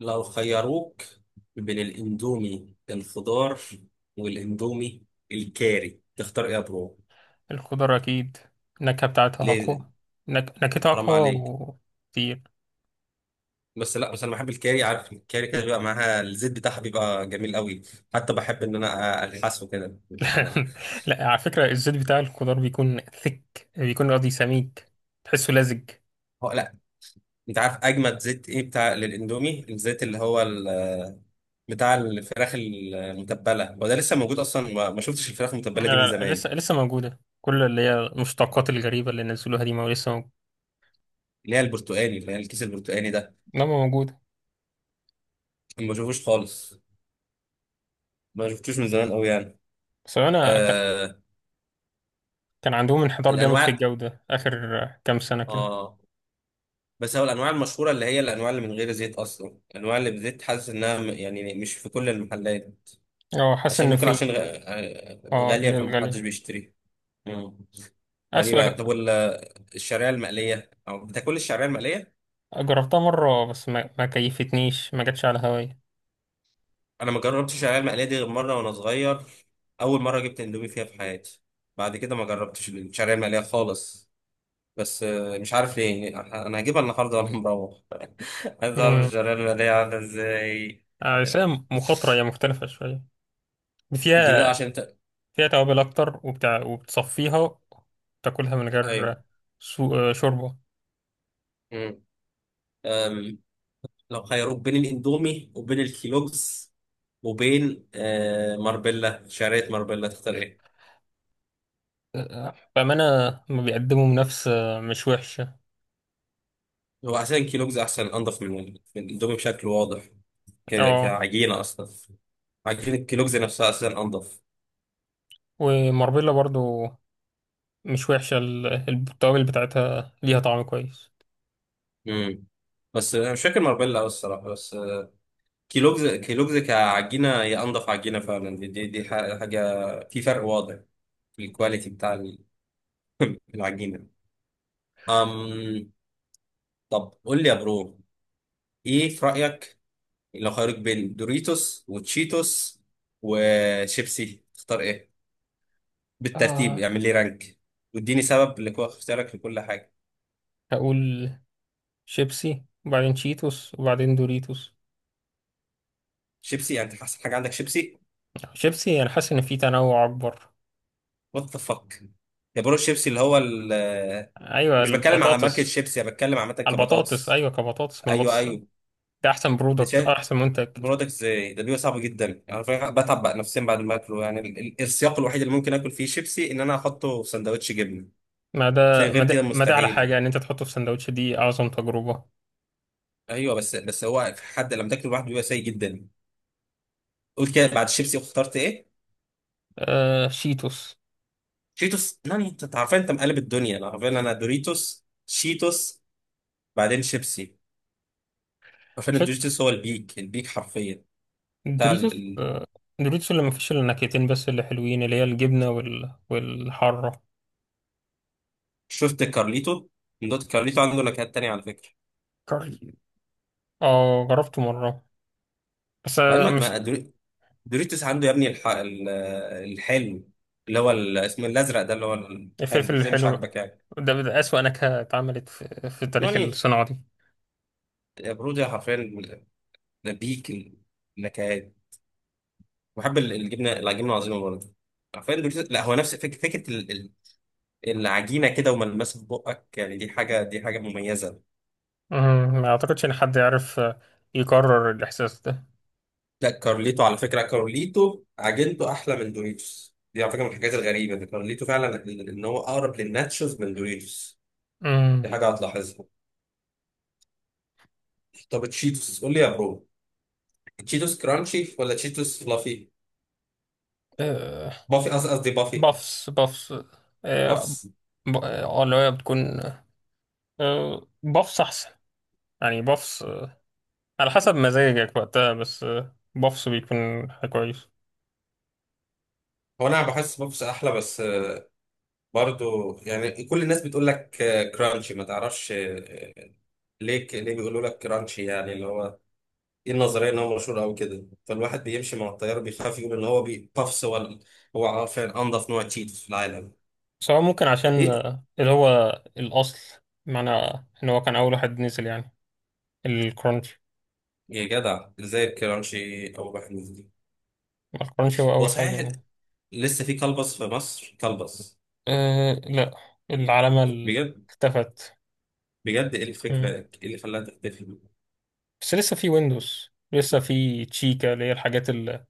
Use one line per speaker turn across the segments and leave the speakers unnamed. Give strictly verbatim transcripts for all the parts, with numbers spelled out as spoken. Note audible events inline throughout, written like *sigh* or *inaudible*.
لو خيروك بين الاندومي الخضار والاندومي الكاري تختار ايه يا برو؟
الخضار أكيد. النكهة بتاعتها
ليه؟
أقوى. نك... نكهتها
حرام عليك.
أقوى كتير.
بس لا، بس انا بحب الكاري، عارف الكاري كده بيبقى معاها الزيت بتاعها بيبقى جميل قوي. حتى بحب ان انا الحسه كده.
*laughs* لا، على فكرة الزيت بتاع الخضار بيكون ثك بيكون قصدي سميك، تحسه لزج.
هو لا، انت عارف اجمد زيت ايه بتاع للاندومي؟ الزيت اللي هو ال- بتاع الفراخ المتبله، وده لسه موجود اصلا؟ ما ما شفتش الفراخ
لا،
المتبله دي
لا،
من
لا،
زمان،
لسه لسه موجودة، كل اللي هي المشتقات الغريبة اللي نزلوها دي ما لسه موجودة.
اللي هي البرتقاني، اللي هي الكيس البرتقاني ده.
إنما موجودة.
ما بشوفوش خالص، ما شفتوش من زمان قوي يعني.
بس أنا ك...
آه،
كان عندهم انحدار جامد في
الانواع.
الجودة آخر كام سنة كده.
اه بس هو الانواع المشهوره، اللي هي الانواع اللي من غير زيت اصلا، الانواع اللي بزيت حاسس انها م- يعني مش في كل المحلات.
اه، حاسس
عشان
إن
ممكن
في.
عشان غ- آه،
اه،
غاليه فمحدش
الغالية
بيشتريها. مم.
أسوأ.
غريبه. طب وال- الشعريه المقليه، او بتاكل الشعريه المقليه؟
جربتها مرة، بس ما, ما كيفتنيش، ما جاتش على هواي.
انا ما جربتش الشعريه المقليه دي غير مره وانا صغير، اول مره جبت اندومي فيها في حياتي. بعد كده ما جربتش الشعريه المقليه خالص. بس آه، مش عارف ليه يعني، انا هجيبها النهارده وانا مروح، عايز اعرف الشعريه الماليه عامله ازاي.
آه، بس هي
آه،
مخاطرة، هي مختلفة شوية،
دي لا
فيها،
عشان انت.
فيها توابل أكتر وبتاع، وبتصفيها تاكلها من
ايوه.
غير سو... آه، شوربة.
مم. أم، لو خيروك بين الاندومي وبين الكيلوجز وبين آه، ماربيلا، شعريه ماربيلا، تختار ايه؟
آه، بأمانة ما بيقدموا بنفس، آه، مش وحشة.
هو عشان الكيلوجز احسن انضف من من الاندومي بشكل واضح، ك-
اه،
كعجينه اصلا. عجينه الكيلوجز نفسها اساسا انضف.
وماربيلا برضو مش وحشة، ال- التوابل بتاعتها ليها طعم كويس.
امم. بس انا مش فاكر ماربيلا قوي الصراحه، بس آه، كيلوجز كيلوجز كعجينه هي انضف عجينه فعلا. دي دي, دي ح- حاجه، في فرق واضح، الكواليتي بتاع العجينة. أم. طب قول لي يا برو، إيه في رأيك، لو خيروك بين دوريتوس وتشيتوس وشيبسي تختار إيه؟ بالترتيب،
آه
اعمل لي رانك واديني سبب لكو اختيارك لكل حاجة.
هقول شيبسي، وبعدين شيتوس، وبعدين دوريتوس.
شيبسي؟ يعني أنت أحسن حاجة عندك شيبسي؟
شيبسي، أنا حاسس إن في تنوع أكبر.
وات ذا فك يا برو، الشيبسي اللي هو ال أنا
أيوة،
مش بتكلم على ماركة
البطاطس.
شيبسي، أنا بتكلم عامة
البطاطس
كبطاطس.
أيوة، كبطاطس، من
أيوه،
البطاطس
أيوه.
ده احسن
أنا
برودكت،
شايف.
احسن منتج.
برودكت ازاي ده، بيبقى صعب جدا يعني، فعلا بتعب بقى نفسيا بعد ما اكله. يعني ال- ال- السياق الوحيد اللي ممكن اكل فيه شيبسي ان انا احطه في سندوتش جبنه،
ما ده ما
فغير
ده
كده
ما ده على
مستحيل.
حاجه ان انت تحطه في سندوتش، دي اعظم تجربه.
ايوه بس، بس هو في حد لما تاكله لوحده بيبقى سيء جدا. قلت كده، بعد الشيبسي اخترت ايه؟
آه، شيتوس.
شيتوس؟ لا انت عارفين، انت مقلب الدنيا، انا عارفين انا: دوريتوس، شيتوس، بعدين شيبسي. عارفين
فك.
الدوريتوس هو البيك، البيك حرفيا بتاع ال...
دوريتوس،
ال-
آه، دوريتوس اللي ما فيش الا نكهتين بس اللي حلوين، اللي هي الجبنه وال... والحاره.
شفت كارليتو؟ من دوت؟ كارليتو عنده نكهات تانية على فكره.
كاري. اه، جربته مره، بس
بعد
آه
ما
مش.
ما دوريتوس عنده يا ابني الح... ال- الحلو، اللي هو ال- اسمه الازرق ده، اللي هو الحلو،
الفلفل
ازاي مش
الحلو
عاجبك يعني؟
ده, ده اسوأ نكهه اتعملت في, في تاريخ
يعني
الصناعه دي.
يا برودي حرفيا، بيك النكهات. بحب ال- الجبنه، العجينه العظيمه برضه. حرفيا دوريتوس، لا هو نفس فك... فكره ال... ال- العجينه كده وملمسها في بقك، يعني دي حاجه، دي حاجه مميزه.
مم، ما اعتقدش ان حد يعرف، آه، يكرر الاحساس ده.
لا كارليتو على فكره، كارليتو عجينته احلى من دوريتوس، دي على فكره من الحاجات الغريبه ان كارليتو فعلا، ان إن هو اقرب للناتشوز من دوريتوس.
مم.
دي حاجه هتلاحظها. طب تشيتوس قول لي يا برو، تشيتوس كرانشي ولا تشيتوس فلافي؟
آه
بافي، قص- قصدي بافي.
بافس بافس. آه،
بافس.
ب- اه اللي هي بتكون، آه، بفص احسن. يعني بفص، آه، على حسب مزاجك وقتها، بس آه، بفص بيكون حاجة كويس.
هو انا بحس بافس احلى، بس آه، برضو يعني كل الناس بتقول لك آه، كرانشي، ما تعرفش آه، ليه، ك- ليه بيقولوا لك كرانشي؟ يعني اللي هو ايه النظريه، ان هو مشهور او كده، فالواحد بيمشي مع التيار بيخاف يقول ان هو بي- بافس ولا. هو عارفين انضف نوع تشيتوس في العالم.
بس هو ممكن عشان
ايه؟
آه، اللي هو الأصل، معنى إن هو كان أول واحد نزل يعني الكرانشي.
يا جدع ازاي الكرانشي اول واحد نزل؟
ما الكرانشي هو
هو
أول حاجة
صحيح
يعني.
لسه في كلبس في مصر؟ كلبس،
أه لا، العلامة ال-
بجد؟
اختفت.
بجد، ايه الفكره،
مم.
ايه اللي خلاها تختفي؟
بس لسه في ويندوز، لسه في تشيكا، اللي هي الحاجات ال-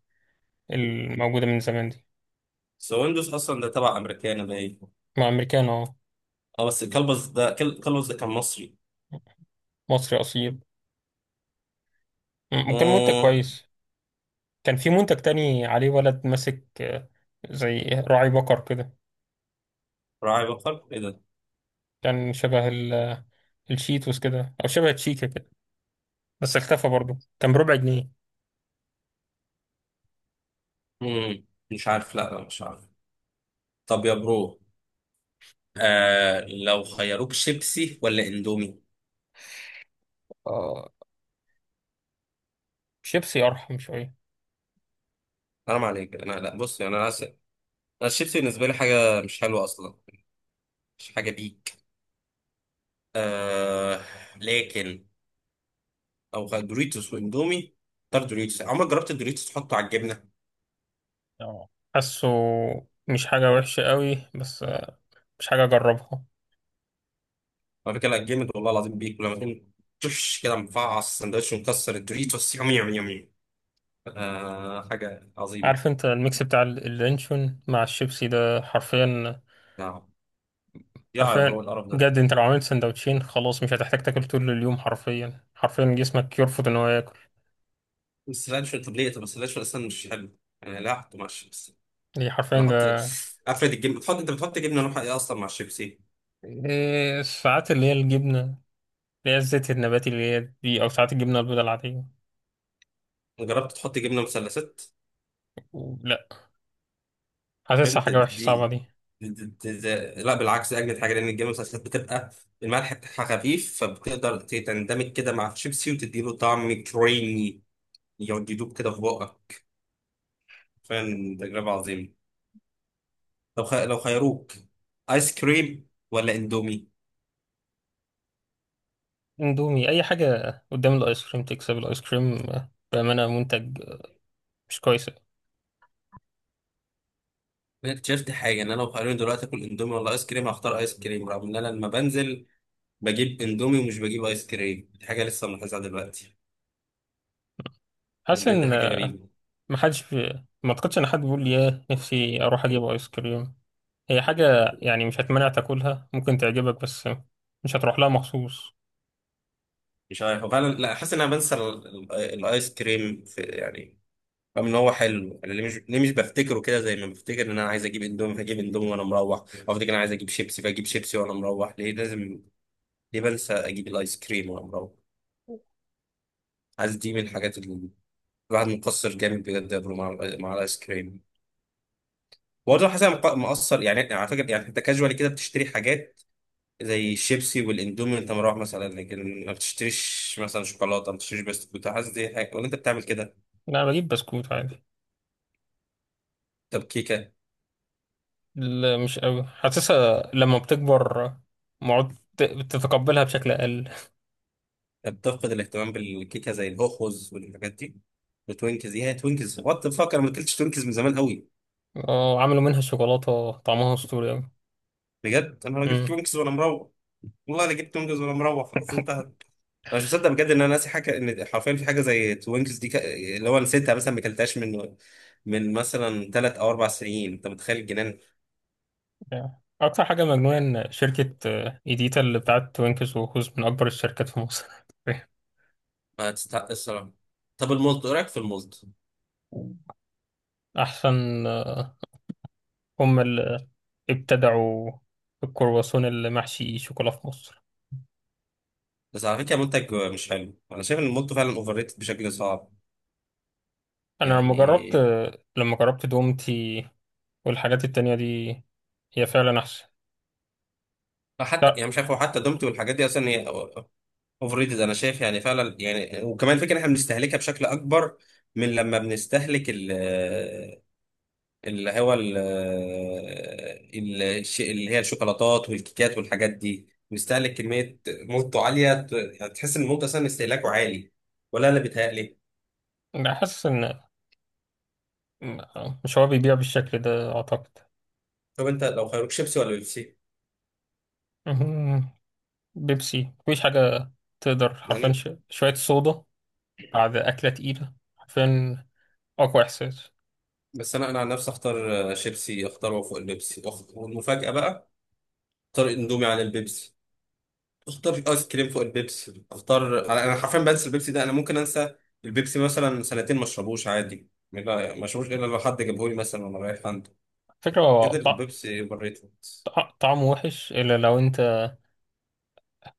الموجودة من زمان دي.
بس هو ويندوز اصلا ده تبع امريكان باين.
مع أمريكان أهو.
اه بس كلبز ده، كل- كلبز ده كان مصري.
مصري أصيل. مم، ممكن منتج
آه.
كويس. كان في منتج تاني عليه ولد ماسك، آه، زي راعي بقر كده.
راعي بقر ايه ده؟
كان شبه ال- آه، الشيتوس كده، او شبه تشيكا كده، بس اختفى برضه، كان بربع جنيه.
مم. مش عارف، لا، لا مش عارف. طب يا برو، آه لو خيروك شيبسي ولا اندومي؟
آه شيبسي ارحم شويه.
حرام عليك، انا لا بص، يعني انا عايز، انا الشيبسي بالنسبه لي حاجه مش حلوه اصلا، مش حاجه ليك. آه. لكن او خ- دوريتوس واندومي، اختار دوريتوس. عمرك جربت الدوريتوس تحطه على الجبنه؟
اه، حاسه مش حاجه وحشه قوي، بس آه، مش حاجه اجربها.
على فكره لا جامد والله العظيم، بيك. ولما تكون تش كده مفعص السندوتش ومكسر الدوريتوس، يوم يوم يوم يوم، آه حاجه عظيمه.
عارف انت الميكس بتاع ال- اللانشون مع الشيبسي ده حرفيا.
يا يا برو
حرفيا،
القرف ده.
بجد، انت لو عملت سندوتشين خلاص مش هتحتاج تاكل طول اليوم، حرفيا حرفيا جسمك يرفض ان هو ياكل.
السلانشو، طب ليه؟ طب السلانشو اصلا مش حلو انا لا احطه مع الشيبسي.
دي حرفيا.
انا احط، افرد الجبنه، بتحط انت، بتحط جبنه نوعها ايه اصلا مع الشيبسي؟
إيه، ساعات اللي هي الجبنة اللي هي الزيت النباتي اللي هي دي، أو ساعات الجبنة البيضاء العادية.
جربت تحط جبنه مثلثات؟
و- لا، حاسسها
فين دي،
حاجة وحشة صعبة
دي,
دي.
دي, دي, دي, لا بالعكس، دي اجمد حاجه، لان الجبنه المثلثات بتبقى الملح بتاعها خفيف، فبتقدر تندمج كده مع الشيبسي وتديله طعم كريمي يقعد يدوب كده في بقك، فعلا تجربة عظيمة. لو خ... لو خيروك ايس كريم ولا اندومي؟
اندومي أي حاجة قدام الآيس كريم تكسب. الآيس كريم، آه، بأمانة منتج، آه، مش كويس.
انا اكتشفت حاجة ان انا لو خيروني دلوقتي اكل اندومي ولا ايس كريم هختار ايس كريم، رغم ان انا لما بنزل بجيب اندومي ومش بجيب ايس كريم، دي حاجة لسه ملاحظها دلوقتي، يعني
حاسس
بجد
إن،
حاجة
آه،
غريبة.
محدش بي- ما أعتقدش إن حد بيقول لي ياه نفسي أروح أجيب آيس كريم. هي حاجة يعني مش هتمنع تاكلها، ممكن تعجبك، بس مش هتروح لها مخصوص.
مش عارف فعلا، لا حاسس ان انا بنسى ال... ال... الايس كريم، في يعني رغم ان هو حلو. انا ليه مش ليه مش بفتكره كده، زي ما بفتكر ان انا عايز اجيب اندومي فاجيب اندومي وانا مروح، او افتكر انا عايز اجيب شيبسي فاجيب شيبسي وانا مروح. ليه لازم ليه بنسى اجيب الايس كريم وانا مروح؟ عايز، دي من الحاجات اللي الواحد مقصر جامد بجد يا برو مع، مع الايس كريم. برضه حاسس أنا مق- مقصر، يعني على فكره. يعني انت كاجوالي كده بتشتري حاجات زي الشيبسي والاندومي وانت مروح مثلا، لكن ما بتشتريش مثلا شوكولاته، ما بتشتريش بسكوت، حاسس دي حاجه، ولا انت بتعمل كده؟
لا، أنا بجيب بسكوت عادي.
طب كيكه؟
لا، مش قوي حاسسها لما بتكبر، معد ت- بتتقبلها بشكل أقل.
طب تفقد الاهتمام بالكيكه زي الهوخوز والحاجات دي؟ وتوينكز، ايه هي توينكز؟ وات ذا فاك، انا ما اكلتش توينكز من زمان قوي.
اه، عملوا منها شوكولاتة طعمها أسطوري أوي.
بجد، انا جبت
أمم.
توينكز وانا مروح، والله انا جبت توينكز وانا مروح، خلاص انتهت. انا مش مصدق بجد ان انا ناسي حاجه، ان حرفيا في حاجه زي توينكس دي، ك... اللي هو نسيتها مثلا، ما اكلتهاش من من مثلا ثلاث او اربع سنين. انت متخيل الجنان؟
أكتر حاجة مجنونة إن شركة، آه، إيديتا اللي بتاعت توينكس وهوز من أكبر الشركات في مصر.
ما تستحق الصراحه. طب المولت، ايه رايك في المولت؟
*laughs* أحسن، آه، هم اللي ابتدعوا الكرواسون اللي محشي شوكولا في مصر.
بس على فكره منتج مش حلو، انا شايف ان المولت فعلا اوفر ريتد بشكل صعب،
أنا لما جربت،
يعني.
لما جربت دومتي والحاجات التانية دي، هي فعلا أحسن.
حتى يعني مش عارف، هو حتى دومتي والحاجات دي اصلا هي اوفر ريتد انا شايف، يعني فعلا يعني. وكمان فكره ان احنا بنستهلكها بشكل اكبر، من لما بنستهلك اللي هو ال- ال- الش- اللي هي الشوكولاتات والكيكات والحاجات دي، بيستهلك كمية موته عالية، ت- يعني تحس إن الموت أصلا استهلاكه عالي، ولا أنا بيتهيألي؟
أنا حاسس إن، لا، مش هو بيبيع بالشكل ده أعتقد.
طب أنت لو خيروك شيبسي ولا بيبسي؟
مهم. بيبسي مفيش حاجة تقدر حرفيا،
يعني
ش... شوية صودا بعد أكلة تقيلة، حرفيا أقوى إحساس.
بس أنا، أنا عن نفسي أختار شيبسي، أختاره فوق البيبسي. وأخ- والمفاجأة بقى، أختار إندومي على البيبسي، أختار آيس كريم فوق البيبسي، أختار، أنا أنا حرفيا بنسى البيبسي ده. أنا ممكن أنسى البيبسي مثلا سنتين ما أشربوش عادي، ما ما أشربوش إلا لو حد جابهولي مثلا وأنا رايح عند
فكرة هو
كده.
طع...
البيبسي اوفر ريتد.
طع... طعمه وحش، إلا لو أنت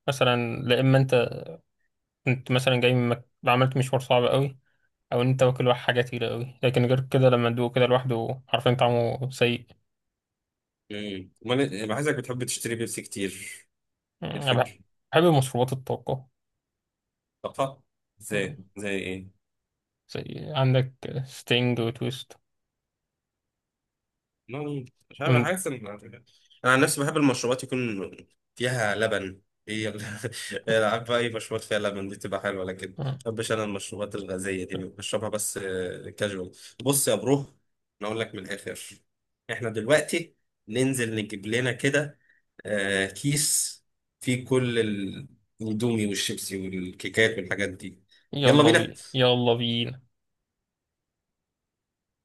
مثلا، لا، إما أنت كنت مثلا جاي من مك... عملت مشوار صعب قوي، أو أنت واكل واحد حاجة تقيلة قوي، لكن غير كده لما تدوق كده لوحده حرفيا طعمه سيء.
امم، امال إيه؟ بحسك بتحب تشتري بيبسي كتير،
مم.
ايه
أنا بح-
الفكره؟
بحب مشروبات الطاقة.
طاقه؟
مم،
زي زي ايه؟
زي عندك ستينج وتويست.
مم، مش عارف،
مم.
حاسس ان انا عن نفسي بحب المشروبات يكون فيها لبن. هي ال- *laughs* هي عارف بقى، اي مشروبات فيها لبن دي تبقى حلوه، لكن ما
مم.
بحبش انا المشروبات الغازيه دي، بشربها بس كاجوال. بص يا برو، انا اقول لك من الاخر، احنا دلوقتي ننزل نجيب لنا كده آه كيس فيه كل ال- الاندومي والشيبسي والكيكات والحاجات دي. يلا
يلا بينا،
بينا.
يلا بينا.